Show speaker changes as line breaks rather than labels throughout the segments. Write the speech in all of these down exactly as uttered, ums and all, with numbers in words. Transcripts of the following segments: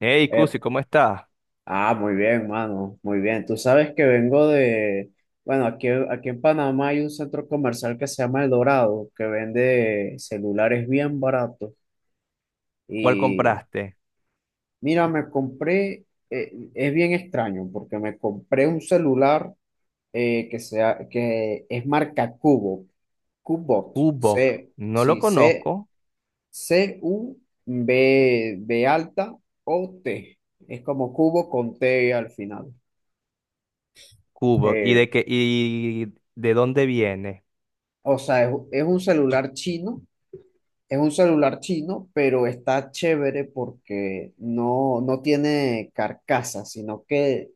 Hey,
Eh,
Cusi, ¿cómo estás?
ah, muy bien, mano, muy bien. Tú sabes que vengo de, bueno, aquí, aquí en Panamá hay un centro comercial que se llama El Dorado, que vende celulares bien baratos.
¿Cuál
Y
compraste?
mira, me compré, eh, es bien extraño, porque me compré un celular eh, que, sea, que es marca Cubo, Cubot,
Kubok.
C,
No lo
sí, C,
conozco.
C, U, B, B alta, O, T. Es como cubo con T al final.
Kubok. ¿Y
Eh,
de qué, y de dónde viene?
O sea, es, es un celular chino, es un celular chino, pero está chévere porque no, no tiene carcasa, sino que,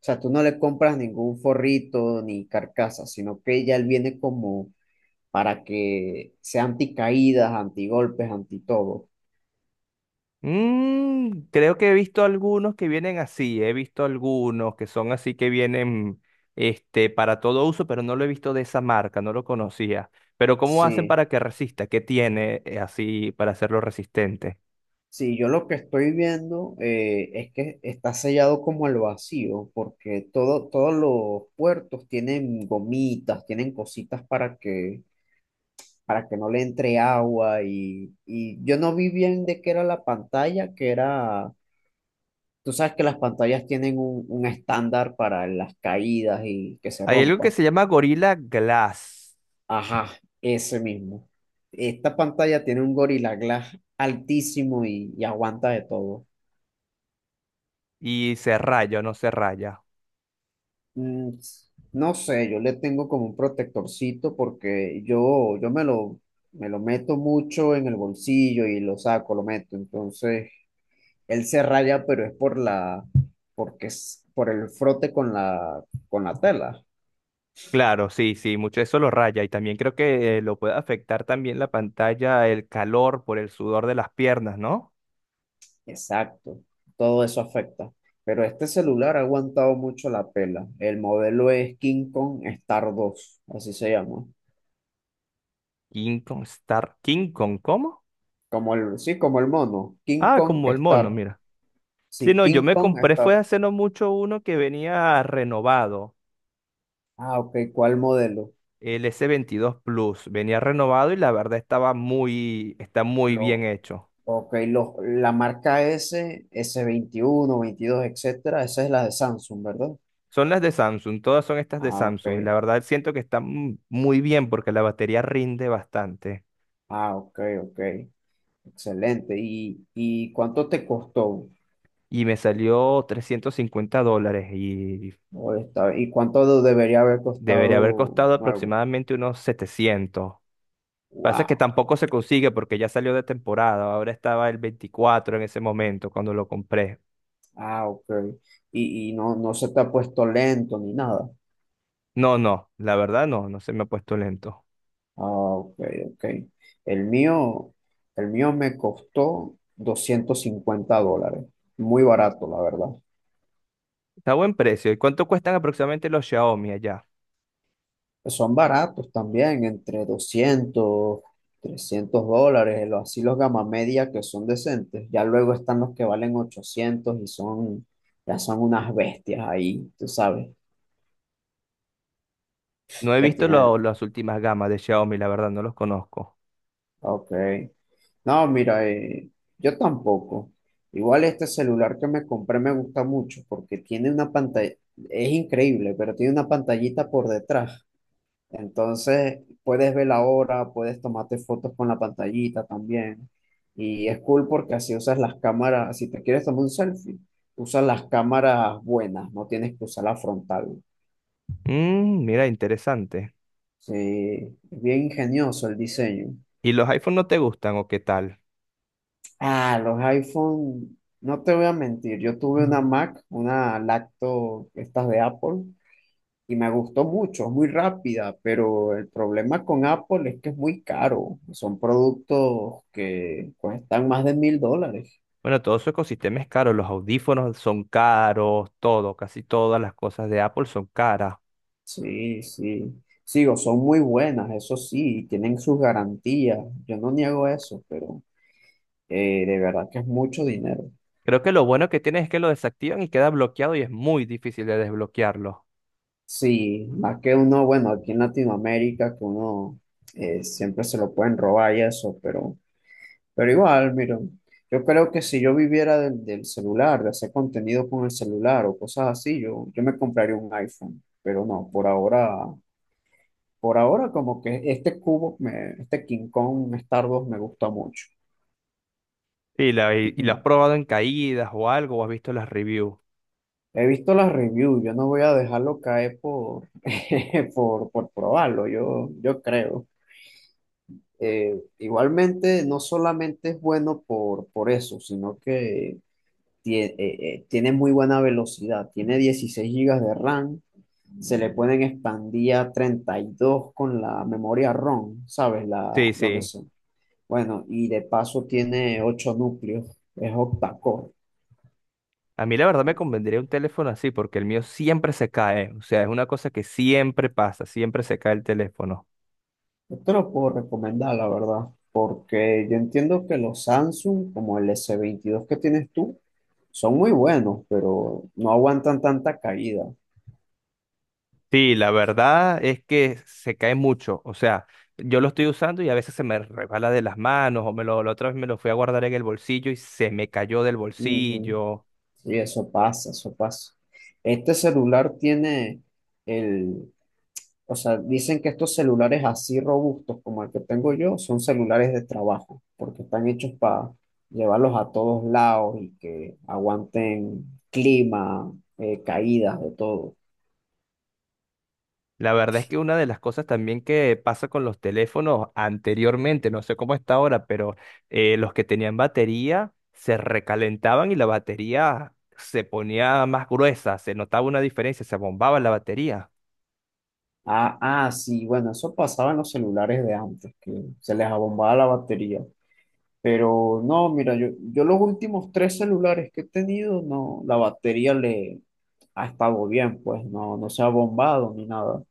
o sea, tú no le compras ningún forrito ni carcasa, sino que ya él viene como para que sea anticaídas, antigolpes, anti todo.
Mm, creo que he visto algunos que vienen así. He visto algunos que son así que vienen este, para todo uso, pero no lo he visto de esa marca, no lo conocía. Pero ¿cómo hacen
Sí,
para que resista? ¿Qué tiene eh, así para hacerlo resistente?
sí, yo lo que estoy viendo eh, es que está sellado como al vacío, porque todo, todos los puertos tienen gomitas, tienen cositas para que para que no le entre agua y, y yo no vi bien de qué era la pantalla, que era, tú sabes que las pantallas tienen un, un estándar para las caídas y que se
Hay algo que
rompa.
se llama Gorilla Glass
Ajá, ese mismo. Esta pantalla tiene un Gorilla Glass altísimo y, y aguanta de todo.
y se raya o no se raya.
Mm, no sé, yo le tengo como un protectorcito porque yo, yo me lo, me lo meto mucho en el bolsillo y lo saco, lo meto. Entonces él se raya, pero es por la, porque es por el frote con la, con la tela.
Claro, sí, sí, mucho eso lo raya y también creo que eh, lo puede afectar también la pantalla, el calor por el sudor de las piernas, ¿no?
Exacto, todo eso afecta. Pero este celular ha aguantado mucho la pela. El modelo es King Kong Star dos, así se llama.
King Kong Star, King Kong, ¿cómo?
Como el, sí, como el mono, King
Ah,
Kong
como el mono,
Star.
mira. Sí,
Sí,
no, yo
King
me
Kong
compré fue
Star.
hace no mucho uno que venía renovado,
Ah, ok, ¿cuál modelo?
el S veintidós Plus, venía renovado y la verdad estaba muy, está muy bien
Lo,
hecho.
ok, lo- la marca S, s veintiuno, veintidós, etcétera, esa es la de Samsung, ¿verdad?
Son las de Samsung, todas son estas de
Ah, ok.
Samsung y la verdad siento que están muy bien porque la batería rinde bastante.
Ah, ok, ok. Excelente. ¿Y, y cuánto te costó?
Y me salió trescientos cincuenta dólares y
O esta- ¿Y cuánto debería haber
debería haber
costado
costado
nuevo?
aproximadamente unos setecientos. Pasa que
Wow.
tampoco se consigue porque ya salió de temporada, ahora estaba el veinticuatro en ese momento cuando lo compré.
Ah, ok. Y, y no, no se te ha puesto lento ni nada.
No, no, la verdad no, no se me ha puesto lento.
Ah, ok, ok. El mío, el mío me costó doscientos cincuenta dólares. Muy barato, la verdad.
Está a buen precio. ¿Y cuánto cuestan aproximadamente los Xiaomi allá?
Pues, son baratos también, entre doscientos trescientos dólares, los- así los gama media que son decentes. Ya luego están los que valen ochocientos y son, ya son unas bestias ahí, tú sabes,
No he
que
visto lo-
tienen.
las últimas gamas de Xiaomi, la verdad no los conozco.
Ok. No, mira, eh, yo tampoco. Igual este celular que me compré me gusta mucho porque tiene una pantalla, es increíble, pero tiene una pantallita por detrás. Entonces, puedes ver la hora, puedes tomarte fotos con la pantallita también. Y es cool porque así usas las cámaras, si te quieres tomar un selfie, usas las cámaras buenas, no tienes que usar la frontal.
Mm, mira, interesante.
Sí, es bien ingenioso el diseño.
¿Y los iPhone no te gustan o qué tal?
Ah, los iPhone, no te voy a mentir, yo tuve una Mac, una lacto, estas de Apple, y me gustó mucho, es muy rápida, pero el problema con Apple es que es muy caro. Son productos que cuestan más de mil dólares.
Bueno, todo su ecosistema es caro, los audífonos son caros, todo, casi todas las cosas de Apple son caras.
Sí, sí. Sigo, son muy buenas, eso sí, tienen sus garantías. Yo no niego eso, pero eh, de verdad que es mucho dinero.
Creo que lo bueno que tiene es que lo desactivan y queda bloqueado y es muy difícil de desbloquearlo.
Sí, más que uno, bueno, aquí en Latinoamérica, que uno eh, siempre se lo pueden robar y eso, pero... Pero igual, mira, yo creo que si yo viviera del, del celular, de hacer contenido con el celular o cosas así, yo, yo me compraría un iPhone. Pero no, por ahora, por ahora como que este cubo, me- este King Kong Star dos me gusta mucho.
Y, la, y, y lo has
Ujú.
probado en caídas o algo, o has visto las reviews.
He visto las reviews, yo no voy a dejarlo caer por, por, por probarlo, yo, yo creo. Eh, igualmente, no solamente es bueno por, por eso, sino que tie- eh, eh, tiene muy buena velocidad, tiene dieciséis gigas de RAM, se le pueden expandir a treinta y dos con la memoria ROM, ¿sabes? La,
Sí,
donde
sí.
son. Bueno, y de paso tiene ocho núcleos, es octa-core.
A mí la verdad me convendría un teléfono así porque el mío siempre se cae. O sea, es una cosa que siempre pasa, siempre se cae el teléfono.
Yo te lo puedo recomendar, la verdad, porque yo entiendo que los Samsung, como el s veintidós que tienes tú, son muy buenos, pero no aguantan tanta caída.
Sí, la verdad es que se cae mucho. O sea, yo lo estoy usando y a veces se me resbala de las manos o me lo, la otra vez me lo fui a guardar en el bolsillo y se me cayó del
Ujú.
bolsillo.
Sí, eso pasa, eso pasa. Este celular tiene el, o sea, dicen que estos celulares así robustos como el que tengo yo son celulares de trabajo, porque están hechos para llevarlos a todos lados y que aguanten clima, eh, caídas, de todo.
La verdad es que una de las cosas también que pasa con los teléfonos anteriormente, no sé cómo está ahora, pero eh, los que tenían batería se recalentaban y la batería se ponía más gruesa, se notaba una diferencia, se bombaba la batería.
Ah, ah, sí, bueno, eso pasaba en los celulares de antes, que se les abombaba la batería. Pero no, mira, yo, yo los últimos tres celulares que he tenido, no, la batería le ha estado bien, pues no, no se ha bombado ni nada.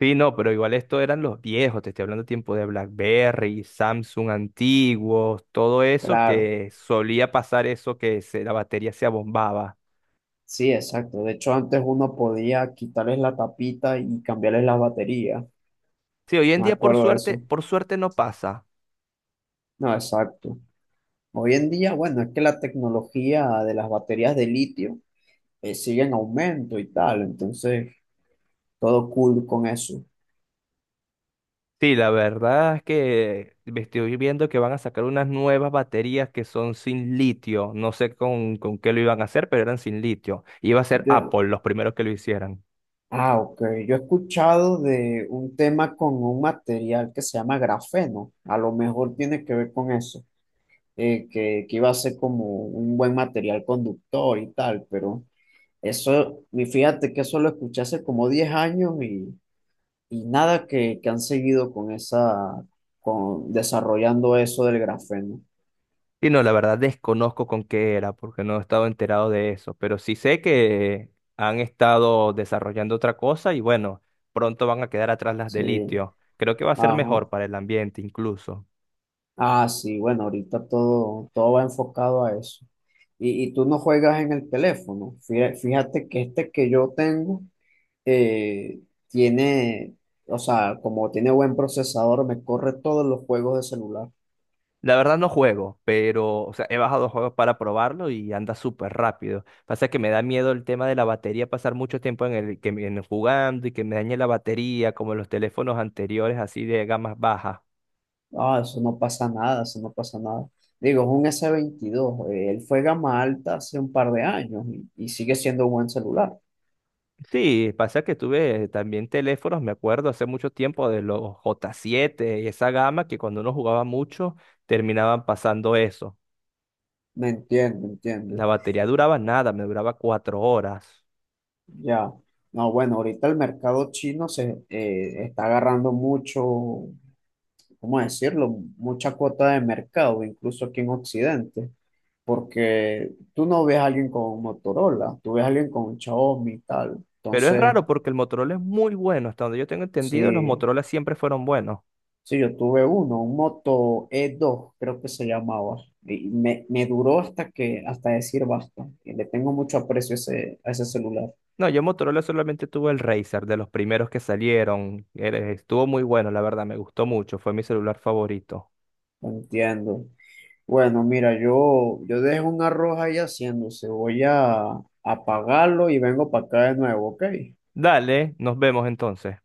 Sí, no, pero igual esto eran los viejos, te estoy hablando de tiempo de BlackBerry, Samsung antiguos, todo eso
Claro,
que solía pasar eso que se- la batería se abombaba.
sí, exacto. De hecho, antes uno podía quitarles la tapita y cambiarles la batería.
Sí, hoy en
Me
día por
acuerdo de
suerte,
eso.
por suerte no pasa.
No, exacto. Hoy en día, bueno, es que la tecnología de las baterías de litio eh, sigue en aumento y tal, entonces todo cool con eso.
Sí, la verdad es que me estoy viendo que van a sacar unas nuevas baterías que son sin litio. No sé con, con qué lo iban a hacer, pero eran sin litio. Iba a ser
Yo-
Apple los primeros que lo hicieran.
Ah, ok. Yo he escuchado de un tema con un material que se llama grafeno. A lo mejor tiene que ver con eso, eh, que, que iba a ser como un buen material conductor y tal, pero eso, y fíjate que eso lo escuché hace como diez años y, y nada que, que han seguido con esa, con desarrollando eso del grafeno.
Y no, la verdad desconozco con qué era, porque no he estado enterado de eso, pero sí sé que han estado desarrollando otra cosa y bueno, pronto van a quedar atrás las de
Sí,
litio. Creo que va a ser
ajá.
mejor para el ambiente incluso.
Ah, sí, bueno, ahorita todo, todo va enfocado a eso. Y, y tú no juegas en el teléfono. Fí- Fíjate que este que yo tengo eh, tiene, o sea, como tiene buen procesador, me corre todos los juegos de celular.
La verdad no juego, pero o sea, he bajado juegos para probarlo y anda súper rápido. Pasa que me da miedo el tema de la batería, pasar mucho tiempo en el, que, me- en jugando y que me dañe la batería, como los teléfonos anteriores así de gamas bajas.
Ah, eso no pasa nada, eso no pasa nada. Digo, es un s veintidós eh, él fue gama alta hace un par de años y, y sigue siendo un buen celular.
Sí, pasa que tuve también teléfonos, me acuerdo hace mucho tiempo de los J siete y esa gama que cuando uno jugaba mucho terminaban pasando eso.
Me entiendo, entiendo.
La batería duraba nada, me duraba cuatro horas.
Ya. No, bueno, ahorita el mercado chino se eh, está agarrando mucho, ¿cómo decirlo? Mucha cuota de mercado, incluso aquí en Occidente, porque tú no ves a alguien con un Motorola, tú ves a alguien con un Xiaomi y tal.
Pero es
Entonces,
raro porque el Motorola es muy bueno, hasta donde yo tengo entendido, los
sí,
Motorola siempre fueron buenos.
sí, yo tuve uno, un Moto e dos creo que se llamaba, y me, me duró hasta que, hasta decir basta, y le tengo mucho aprecio a ese, a ese celular,
No, yo Motorola solamente tuve el Razer, de los primeros que salieron. Era- Estuvo muy bueno, la verdad, me gustó mucho, fue mi celular favorito.
lo entiendo. Bueno, mira, yo, yo dejo un arroz ahí haciéndose, voy a apagarlo y vengo para acá de nuevo, ¿ok?
Dale, nos vemos entonces.